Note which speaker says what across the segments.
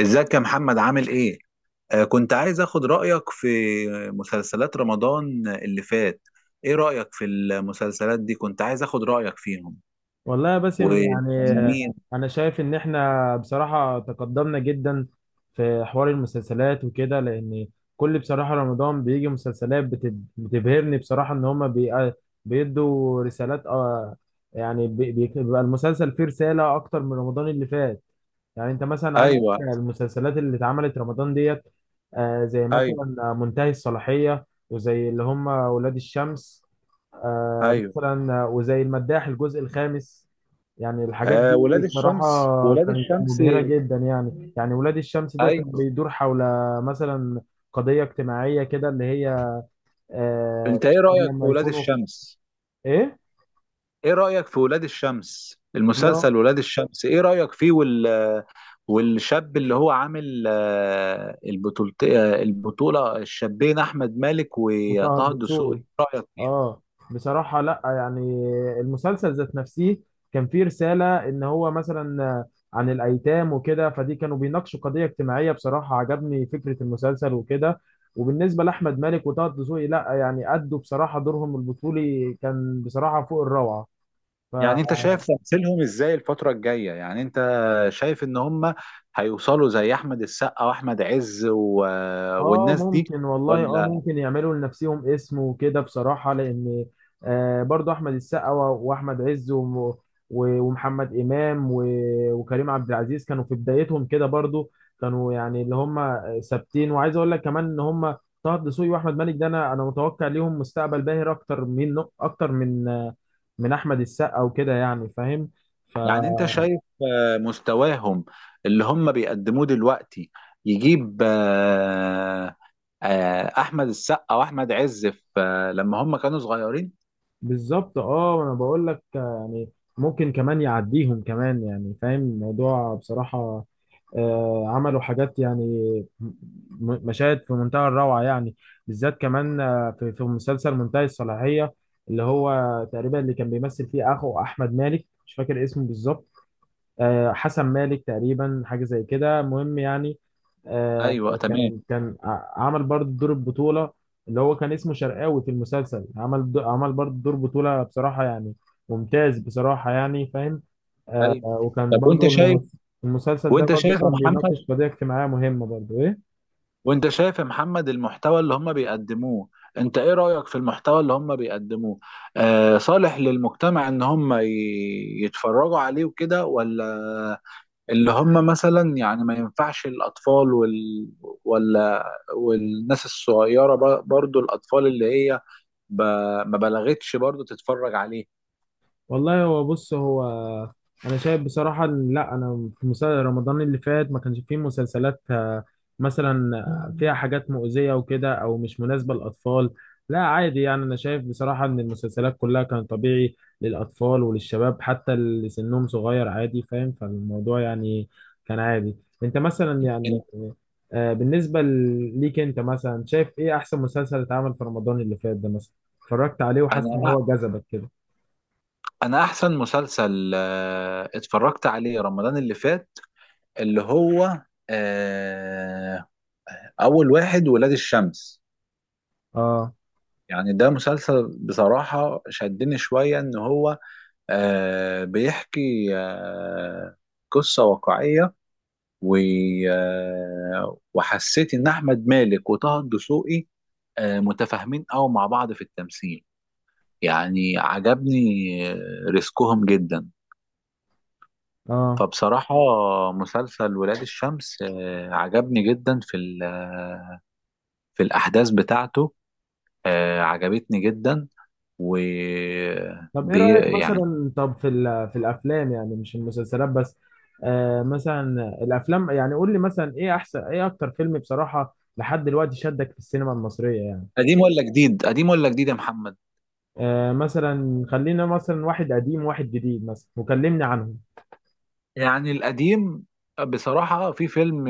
Speaker 1: ازيك يا محمد؟ عامل ايه؟ كنت عايز اخد رأيك في مسلسلات رمضان اللي فات. ايه رأيك في المسلسلات دي؟ كنت عايز اخد رأيك فيهم
Speaker 2: والله يا باسم، يعني
Speaker 1: والفنانين.
Speaker 2: انا شايف ان احنا بصراحة تقدمنا جدا في حوار المسلسلات وكده. لان كل بصراحة رمضان بيجي مسلسلات بتبهرني بصراحة. ان هما بيدوا رسالات. بيبقى المسلسل فيه رسالة اكتر من رمضان اللي فات. يعني انت مثلا عندك
Speaker 1: ايوه.
Speaker 2: المسلسلات اللي اتعملت رمضان ديت، زي
Speaker 1: ايوه.
Speaker 2: مثلا منتهي الصلاحية، وزي اللي هم ولاد الشمس، آه،
Speaker 1: ايوه.
Speaker 2: مثلا آه، وزي المداح الجزء الخامس. يعني الحاجات دي
Speaker 1: ولاد الشمس.
Speaker 2: بصراحة
Speaker 1: ولاد
Speaker 2: كانت
Speaker 1: الشمس
Speaker 2: مبهرة جدا يعني ولاد الشمس ده كان
Speaker 1: ايوه.
Speaker 2: بيدور حول مثلا قضية اجتماعية كده، اللي هي
Speaker 1: انت ايه
Speaker 2: الشباب
Speaker 1: رايك في
Speaker 2: لما
Speaker 1: ولاد
Speaker 2: يكونوا.
Speaker 1: الشمس؟
Speaker 2: ايه؟
Speaker 1: ايه رأيك في ولاد الشمس،
Speaker 2: اللي هو
Speaker 1: المسلسل ولاد الشمس، ايه رأيك فيه؟ والشاب اللي هو عامل البطولة، البطولة، الشابين احمد مالك
Speaker 2: وطه
Speaker 1: وطه الدسوقي،
Speaker 2: الدسوقي.
Speaker 1: ايه رأيك؟
Speaker 2: اه بصراحة لا يعني، المسلسل ذات نفسه كان فيه رسالة، ان هو مثلا عن الايتام وكده، فدي كانوا بيناقشوا قضية اجتماعية. بصراحة عجبني فكرة المسلسل وكده. وبالنسبة لأحمد مالك وطه دسوقي، لا يعني أدوا بصراحة دورهم البطولي كان بصراحة فوق
Speaker 1: يعني انت
Speaker 2: الروعة.
Speaker 1: شايف تمثيلهم ازاي الفترة الجاية؟ يعني انت شايف ان هم هيوصلوا زي احمد السقا واحمد عز
Speaker 2: اه
Speaker 1: والناس دي،
Speaker 2: ممكن والله، اه
Speaker 1: ولا؟
Speaker 2: ممكن يعملوا لنفسهم اسم وكده، بصراحة، لان برضو احمد السقا واحمد عز ومحمد امام وكريم عبد العزيز كانوا في بدايتهم كده برضو. كانوا يعني اللي هم ثابتين. وعايز اقول لك كمان ان هم طه دسوقي واحمد مالك ده، انا متوقع ليهم مستقبل باهر اكتر من من احمد السقا وكده، يعني فاهم.
Speaker 1: يعني انت شايف مستواهم اللي هم بيقدموه دلوقتي يجيب احمد السقا واحمد عز في لما هم كانوا صغيرين؟
Speaker 2: بالظبط، اه انا بقول لك يعني ممكن كمان يعديهم كمان، يعني فاهم الموضوع بصراحة. عملوا حاجات يعني، م- مشاهد في منتهى الروعة يعني، بالذات كمان في مسلسل منتهي الصلاحية، اللي هو تقريبا اللي كان بيمثل فيه اخو احمد مالك. مش فاكر اسمه بالظبط، حسن مالك تقريبا، حاجه زي كده. المهم يعني، آه،
Speaker 1: ايوه، تمام.
Speaker 2: كان عمل برضه دور البطوله. اللي هو كان اسمه شرقاوي في المسلسل، عمل عمل برضه دور بطوله بصراحه، يعني ممتاز بصراحه، يعني فاهم.
Speaker 1: ايوه.
Speaker 2: وكان
Speaker 1: طب وانت
Speaker 2: برضه
Speaker 1: شايف،
Speaker 2: المسلسل ده
Speaker 1: وانت
Speaker 2: برضه
Speaker 1: شايف يا
Speaker 2: كان
Speaker 1: محمد،
Speaker 2: بيناقش قضيه اجتماعيه مهمه برضه، ايه.
Speaker 1: وانت شايف يا محمد، المحتوى اللي هم بيقدموه، انت ايه رأيك في المحتوى اللي هم بيقدموه؟ صالح للمجتمع ان هم يتفرجوا عليه وكده، ولا اللي هم مثلا يعني ما ينفعش الاطفال ولا والناس الصغيرة، برضو الاطفال اللي هي ما بلغتش، برضو تتفرج عليه؟
Speaker 2: والله هو بص، انا شايف بصراحه، إن- لا انا في مسلسل رمضان اللي فات ما كانش فيه مسلسلات آه، مثلا آه، فيها حاجات مؤذيه وكده، او مش مناسبه للاطفال. لا عادي يعني، انا شايف بصراحه ان المسلسلات كلها كان طبيعي للاطفال وللشباب، حتى اللي سنهم صغير عادي، فاهم، فالموضوع يعني كان عادي. انت مثلا يعني، بالنسبه ليك انت مثلا شايف ايه احسن مسلسل اتعمل في رمضان اللي فات ده مثلا، اتفرجت عليه وحاسس ان
Speaker 1: انا
Speaker 2: هو جذبك كده؟
Speaker 1: انا احسن مسلسل اتفرجت عليه رمضان اللي فات، اللي هو آه، اول واحد، ولاد الشمس.
Speaker 2: اه.
Speaker 1: يعني ده مسلسل بصراحة شدني شوية، ان هو بيحكي قصة واقعية و- وحسيت ان احمد مالك وطه الدسوقي متفاهمين قوي مع بعض في التمثيل. يعني عجبني آه، ريسكهم جدا.
Speaker 2: اه
Speaker 1: فبصراحة مسلسل ولاد الشمس عجبني جدا في في الأحداث بتاعته، عجبتني جدا. و
Speaker 2: طب ايه رأيك
Speaker 1: يعني
Speaker 2: مثلا، طب في في الافلام، يعني مش المسلسلات بس. آه مثلا الافلام يعني، قول لي مثلا ايه احسن، ايه اكتر فيلم بصراحة لحد دلوقتي شدك في السينما المصرية يعني.
Speaker 1: قديم ولا جديد؟ قديم ولا جديد يا محمد؟
Speaker 2: آه مثلا خلينا مثلا واحد قديم واحد جديد مثلا، وكلمني عنهم.
Speaker 1: يعني القديم، بصراحة في فيلم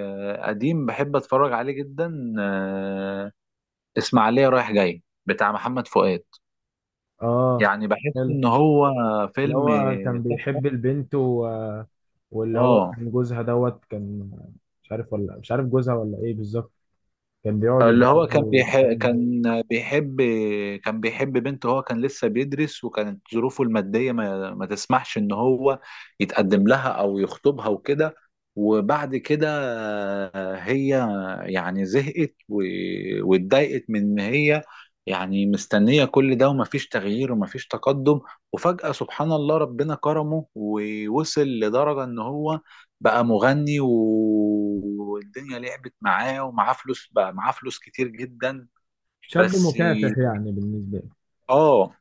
Speaker 1: قديم بحب أتفرج عليه جدا، إسماعيلية رايح جاي بتاع محمد فؤاد.
Speaker 2: اه،
Speaker 1: يعني بحس
Speaker 2: حلو.
Speaker 1: إن هو
Speaker 2: اللي
Speaker 1: فيلم
Speaker 2: هو كان
Speaker 1: تحفة.
Speaker 2: بيحب البنت و... واللي هو
Speaker 1: اه،
Speaker 2: كان جوزها دوت، كان مش عارف، ولا مش عارف جوزها، ولا ايه بالظبط. كان بيقعد
Speaker 1: اللي هو
Speaker 2: يضربها
Speaker 1: كان
Speaker 2: و...
Speaker 1: بيحب، كان بيحب، كان بيحب بنت، هو كان لسه بيدرس وكانت ظروفه المادية ما تسمحش ان هو يتقدم لها او يخطبها وكده. وبعد كده هي يعني زهقت واتضايقت من ان هي يعني مستنية كل ده، ومفيش تغيير ومفيش تقدم. وفجأة سبحان الله، ربنا كرمه ووصل لدرجة ان هو بقى مغني والدنيا لعبت معاه، ومعاه فلوس، بقى معاه فلوس كتير جدا.
Speaker 2: شاب
Speaker 1: بس،
Speaker 2: مكافح يعني بالنسبة لي.
Speaker 1: اه،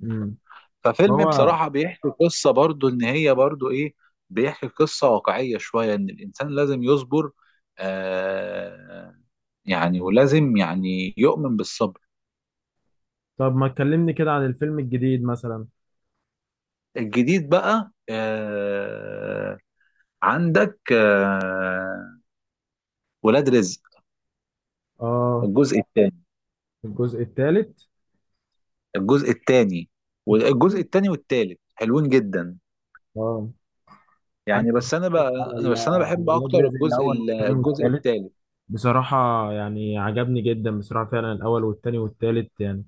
Speaker 2: مم.
Speaker 1: ففيلم
Speaker 2: هو
Speaker 1: بصراحة بيحكي قصة برضو ان هي برضو ايه، بيحكي قصة واقعية شوية، ان الانسان لازم يصبر، آه يعني ولازم يعني يؤمن بالصبر.
Speaker 2: طب ما تكلمني كده عن الفيلم الجديد مثلا.
Speaker 1: الجديد بقى، آه، عندك آه، ولاد رزق
Speaker 2: اه،
Speaker 1: الجزء الثاني،
Speaker 2: الجزء الثالث.
Speaker 1: الجزء الثاني. والجزء الثاني والثالث حلوين جدا،
Speaker 2: اه أنا
Speaker 1: يعني. بس انا
Speaker 2: اتفرجت
Speaker 1: بقى،
Speaker 2: على
Speaker 1: انا بس انا
Speaker 2: على
Speaker 1: بحب
Speaker 2: ولاد
Speaker 1: اكتر
Speaker 2: رزق الاول والثاني
Speaker 1: الجزء
Speaker 2: والثالث.
Speaker 1: الثالث.
Speaker 2: بصراحه يعني عجبني جدا بصراحه، فعلا الاول والثاني والثالث يعني.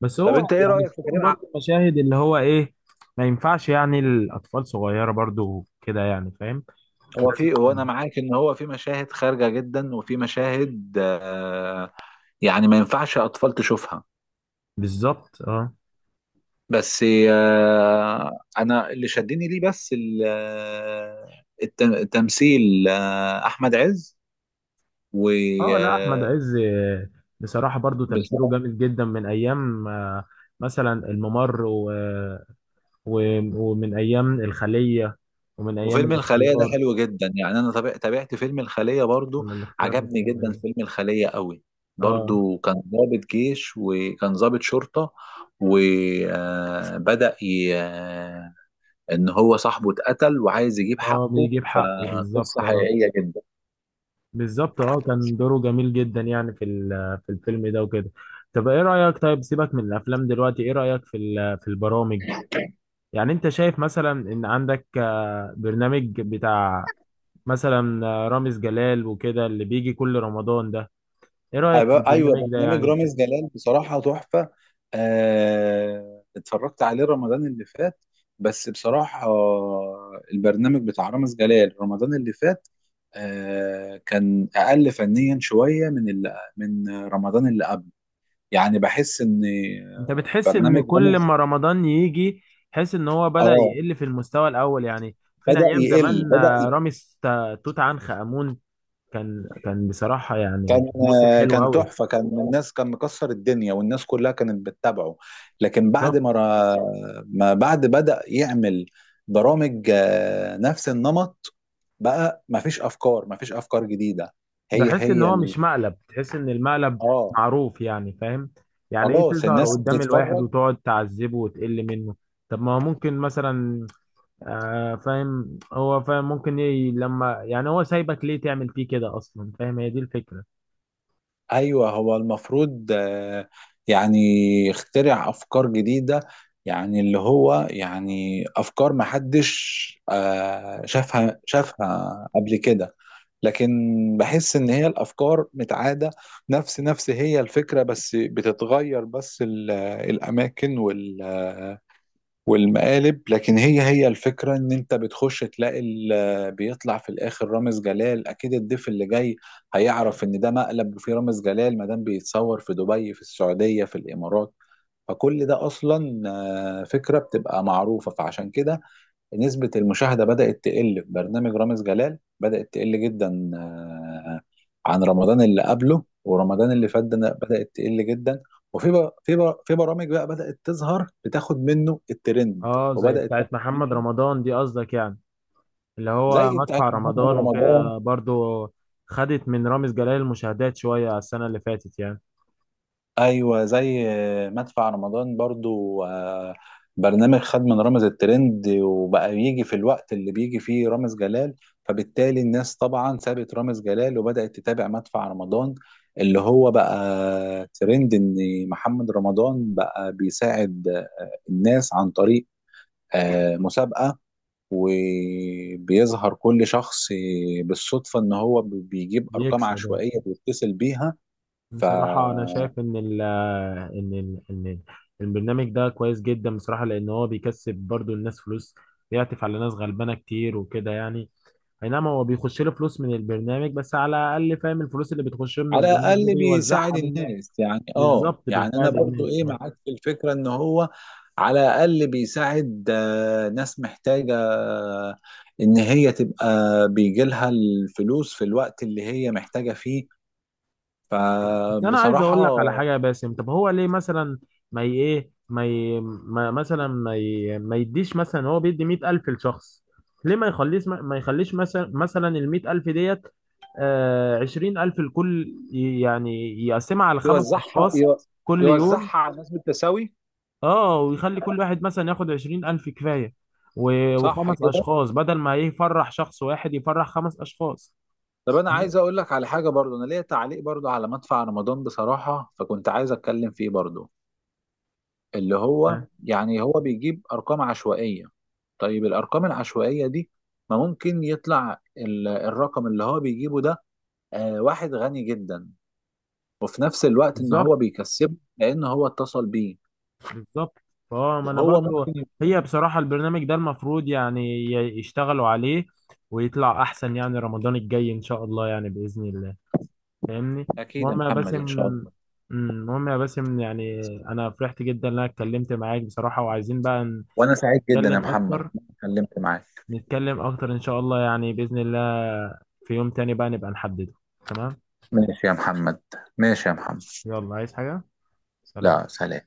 Speaker 2: بس
Speaker 1: طب
Speaker 2: هو
Speaker 1: انت ايه
Speaker 2: يعني
Speaker 1: رايك في
Speaker 2: فيهم
Speaker 1: كريم ع...؟
Speaker 2: برضه مشاهد اللي هو ايه، ما ينفعش يعني الاطفال صغيره برضه كده، يعني فاهم.
Speaker 1: هو
Speaker 2: لازم.
Speaker 1: في، هو انا معاك ان هو في مشاهد خارجه جدا، وفي مشاهد، آه، يعني ما ينفعش اطفال تشوفها.
Speaker 2: بالظبط اه.
Speaker 1: بس، انا اللي شدني ليه بس التمثيل. احمد عز و
Speaker 2: اه لا احمد
Speaker 1: آه،
Speaker 2: عز بصراحه برضو تمثيله
Speaker 1: بصراحة.
Speaker 2: جامد جدا من ايام مثلا الممر و... و... ومن ايام الخليه، ومن ايام
Speaker 1: وفيلم الخلية ده
Speaker 2: الاختيار.
Speaker 1: حلو جدا يعني. أنا تابعت فيلم الخلية برضو،
Speaker 2: ولا الاختيار مفيش
Speaker 1: عجبني
Speaker 2: أحمد
Speaker 1: جدا
Speaker 2: عز.
Speaker 1: فيلم الخلية قوي.
Speaker 2: اه.
Speaker 1: برضو كان ضابط جيش، وكان ضابط شرطة، وبدأ ي... آه، إن هو صاحبه اتقتل وعايز يجيب
Speaker 2: اه
Speaker 1: حقه،
Speaker 2: بيجيب حقه
Speaker 1: فقصة
Speaker 2: بالظبط اه.
Speaker 1: حقيقية جدا.
Speaker 2: بالظبط، اه كان دوره جميل جدا يعني في في الفيلم ده وكده. طب ايه رايك، طيب سيبك من الافلام دلوقتي، ايه رايك في في البرامج؟ يعني انت شايف مثلا ان عندك برنامج بتاع مثلا رامز جلال وكده، اللي بيجي كل رمضان ده، ايه رأيك في
Speaker 1: ايوه،
Speaker 2: البرنامج ده
Speaker 1: برنامج
Speaker 2: يعني
Speaker 1: رامز جلال بصراحه تحفه. اتفرجت عليه رمضان اللي فات. بس بصراحه، البرنامج بتاع رامز جلال رمضان اللي فات كان اقل فنيا شويه من من رمضان اللي قبل. يعني بحس ان
Speaker 2: انت بتحس ان
Speaker 1: برنامج
Speaker 2: كل
Speaker 1: رامز،
Speaker 2: ما رمضان يجي تحس ان هو بدأ
Speaker 1: اه،
Speaker 2: يقل في المستوى الاول يعني؟ فين
Speaker 1: بدأ
Speaker 2: ايام
Speaker 1: يقل،
Speaker 2: زمان،
Speaker 1: بدأ.
Speaker 2: رامز توت عنخ آمون، كان بصراحة
Speaker 1: كان،
Speaker 2: يعني موسم حلو
Speaker 1: كان
Speaker 2: قوي.
Speaker 1: تحفة، كان الناس، كان مكسر الدنيا والناس كلها كانت بتتابعه. لكن بعد ما
Speaker 2: بالظبط.
Speaker 1: را- ما بعد بدأ يعمل برامج نفس النمط، بقى ما فيش أفكار جديدة. هي
Speaker 2: بحس ان
Speaker 1: هي
Speaker 2: هو
Speaker 1: ال...
Speaker 2: مش مقلب، تحس ان المقلب
Speaker 1: اه.
Speaker 2: معروف، يعني فاهم، يعني ايه
Speaker 1: خلاص
Speaker 2: تظهر
Speaker 1: الناس
Speaker 2: قدام الواحد
Speaker 1: بتتفرج.
Speaker 2: وتقعد تعذبه وتقل منه. طب ما هو ممكن مثلا فاهم، هو فاهم، ممكن لما يعني هو سايبك ليه تعمل فيه كده اصلا، فاهم، هي دي الفكرة.
Speaker 1: ايوه، هو المفروض يعني يخترع افكار جديده، يعني اللي هو يعني افكار ما حدش شافها قبل كده. لكن بحس ان هي الافكار متعاده، نفس هي الفكره، بس بتتغير بس الاماكن والمقالب. لكن هي هي الفكرة، ان انت بتخش تلاقي بيطلع في الاخر رامز جلال. اكيد الضيف اللي جاي هيعرف ان ده مقلب وفيه رامز جلال، ما دام بيتصور في دبي، في السعودية، في الامارات. فكل ده اصلا فكرة بتبقى معروفة. فعشان كده نسبة المشاهدة بدأت تقل في برنامج رامز جلال، بدأت تقل جدا عن رمضان اللي قبله، ورمضان اللي
Speaker 2: آه.
Speaker 1: فات ده بدأت تقل جدا. وفي بر- في بر- في برامج بقى بدأت تظهر بتاخد منه الترند،
Speaker 2: اه، زي
Speaker 1: وبدأت
Speaker 2: بتاعت
Speaker 1: تاخد
Speaker 2: محمد
Speaker 1: منه،
Speaker 2: رمضان دي قصدك يعني، اللي هو
Speaker 1: زي بتاعت
Speaker 2: مدفع
Speaker 1: محمد
Speaker 2: رمضان
Speaker 1: رمضان.
Speaker 2: وكده برضو، خدت من رامز جلال المشاهدات شوية على السنة اللي فاتت يعني.
Speaker 1: ايوه، زي مدفع رمضان برضو، برنامج خد من رامز الترند، وبقى يجي في الوقت اللي بيجي فيه رامز جلال. فبالتالي الناس طبعا سابت رامز جلال وبدأت تتابع مدفع رمضان، اللي هو بقى ترند. ان محمد رمضان بقى بيساعد الناس عن طريق مسابقة، وبيظهر كل شخص بالصدفة، ان هو بيجيب ارقام
Speaker 2: بيكسب يعني.
Speaker 1: عشوائية بيتصل بيها. ف
Speaker 2: بصراحة أنا شايف إن البرنامج ده كويس جدا بصراحة، لأن هو بيكسب برضو الناس فلوس، بيعطف على ناس غلبانة كتير وكده يعني. اي نعم هو بيخش له فلوس من البرنامج، بس على الاقل فاهم الفلوس اللي بتخش له من
Speaker 1: على
Speaker 2: البرنامج ده
Speaker 1: الاقل بيساعد
Speaker 2: بيوزعها من الناس.
Speaker 1: الناس يعني. اه
Speaker 2: بالظبط
Speaker 1: يعني انا
Speaker 2: بيساعد
Speaker 1: برضو
Speaker 2: الناس
Speaker 1: ايه
Speaker 2: يعني.
Speaker 1: معاك في الفكره، ان هو على الاقل بيساعد ناس محتاجه، ان هي تبقى بيجي لها الفلوس في الوقت اللي هي محتاجه فيه.
Speaker 2: بس انا عايز
Speaker 1: فبصراحه
Speaker 2: اقول لك على حاجه يا باسم، طب هو ليه مثلا ما ي- ايه ما, ي... ما مثلا ما, ي... ما يديش مثلا، هو بيدي 100,000 لشخص. ليه ما يخليش، ما يخليش مثلا، مثلا ال 100,000 ديت 20,000 لكل، يعني يقسمها على خمس
Speaker 1: يوزعها
Speaker 2: أشخاص
Speaker 1: يو-
Speaker 2: كل يوم.
Speaker 1: يوزعها على الناس بالتساوي.
Speaker 2: اه ويخلي كل واحد مثلا ياخد 20,000 كفاية،
Speaker 1: صح
Speaker 2: وخمس
Speaker 1: كده.
Speaker 2: أشخاص، بدل ما يفرح شخص واحد يفرح خمس أشخاص.
Speaker 1: طب انا عايز اقول لك على حاجه، برضو انا ليا تعليق برضو على مدفع رمضان بصراحه، فكنت عايز اتكلم فيه برضو. اللي هو
Speaker 2: آه،
Speaker 1: يعني هو بيجيب ارقام عشوائيه، طيب الارقام العشوائيه دي ما ممكن يطلع الرقم اللي هو بيجيبه ده واحد غني جدا، وفي نفس الوقت ان
Speaker 2: بالظبط.
Speaker 1: هو بيكسبه لان هو اتصل بيه،
Speaker 2: بالظبط اه، ما أنا
Speaker 1: وهو ممكن
Speaker 2: برضو.
Speaker 1: يكون.
Speaker 2: هي بصراحة البرنامج ده المفروض يعني يشتغلوا عليه ويطلع أحسن يعني رمضان الجاي إن شاء الله، يعني بإذن الله، فاهمني.
Speaker 1: اكيد يا
Speaker 2: المهم يا
Speaker 1: محمد،
Speaker 2: باسم،
Speaker 1: ان شاء الله.
Speaker 2: المهم يا باسم يعني أنا فرحت جدا إن أنا اتكلمت معاك بصراحة، وعايزين بقى
Speaker 1: وانا سعيد جدا يا
Speaker 2: نتكلم
Speaker 1: محمد إن
Speaker 2: أكتر.
Speaker 1: أنا اتكلمت معاك.
Speaker 2: نتكلم اكتر ان شاء الله يعني، باذن الله، في يوم تاني بقى نبقى نحدده. تمام.
Speaker 1: ماشي يا محمد. ماشي يا محمد.
Speaker 2: يلا، عايز حاجه؟ سلام.
Speaker 1: لا، سلام.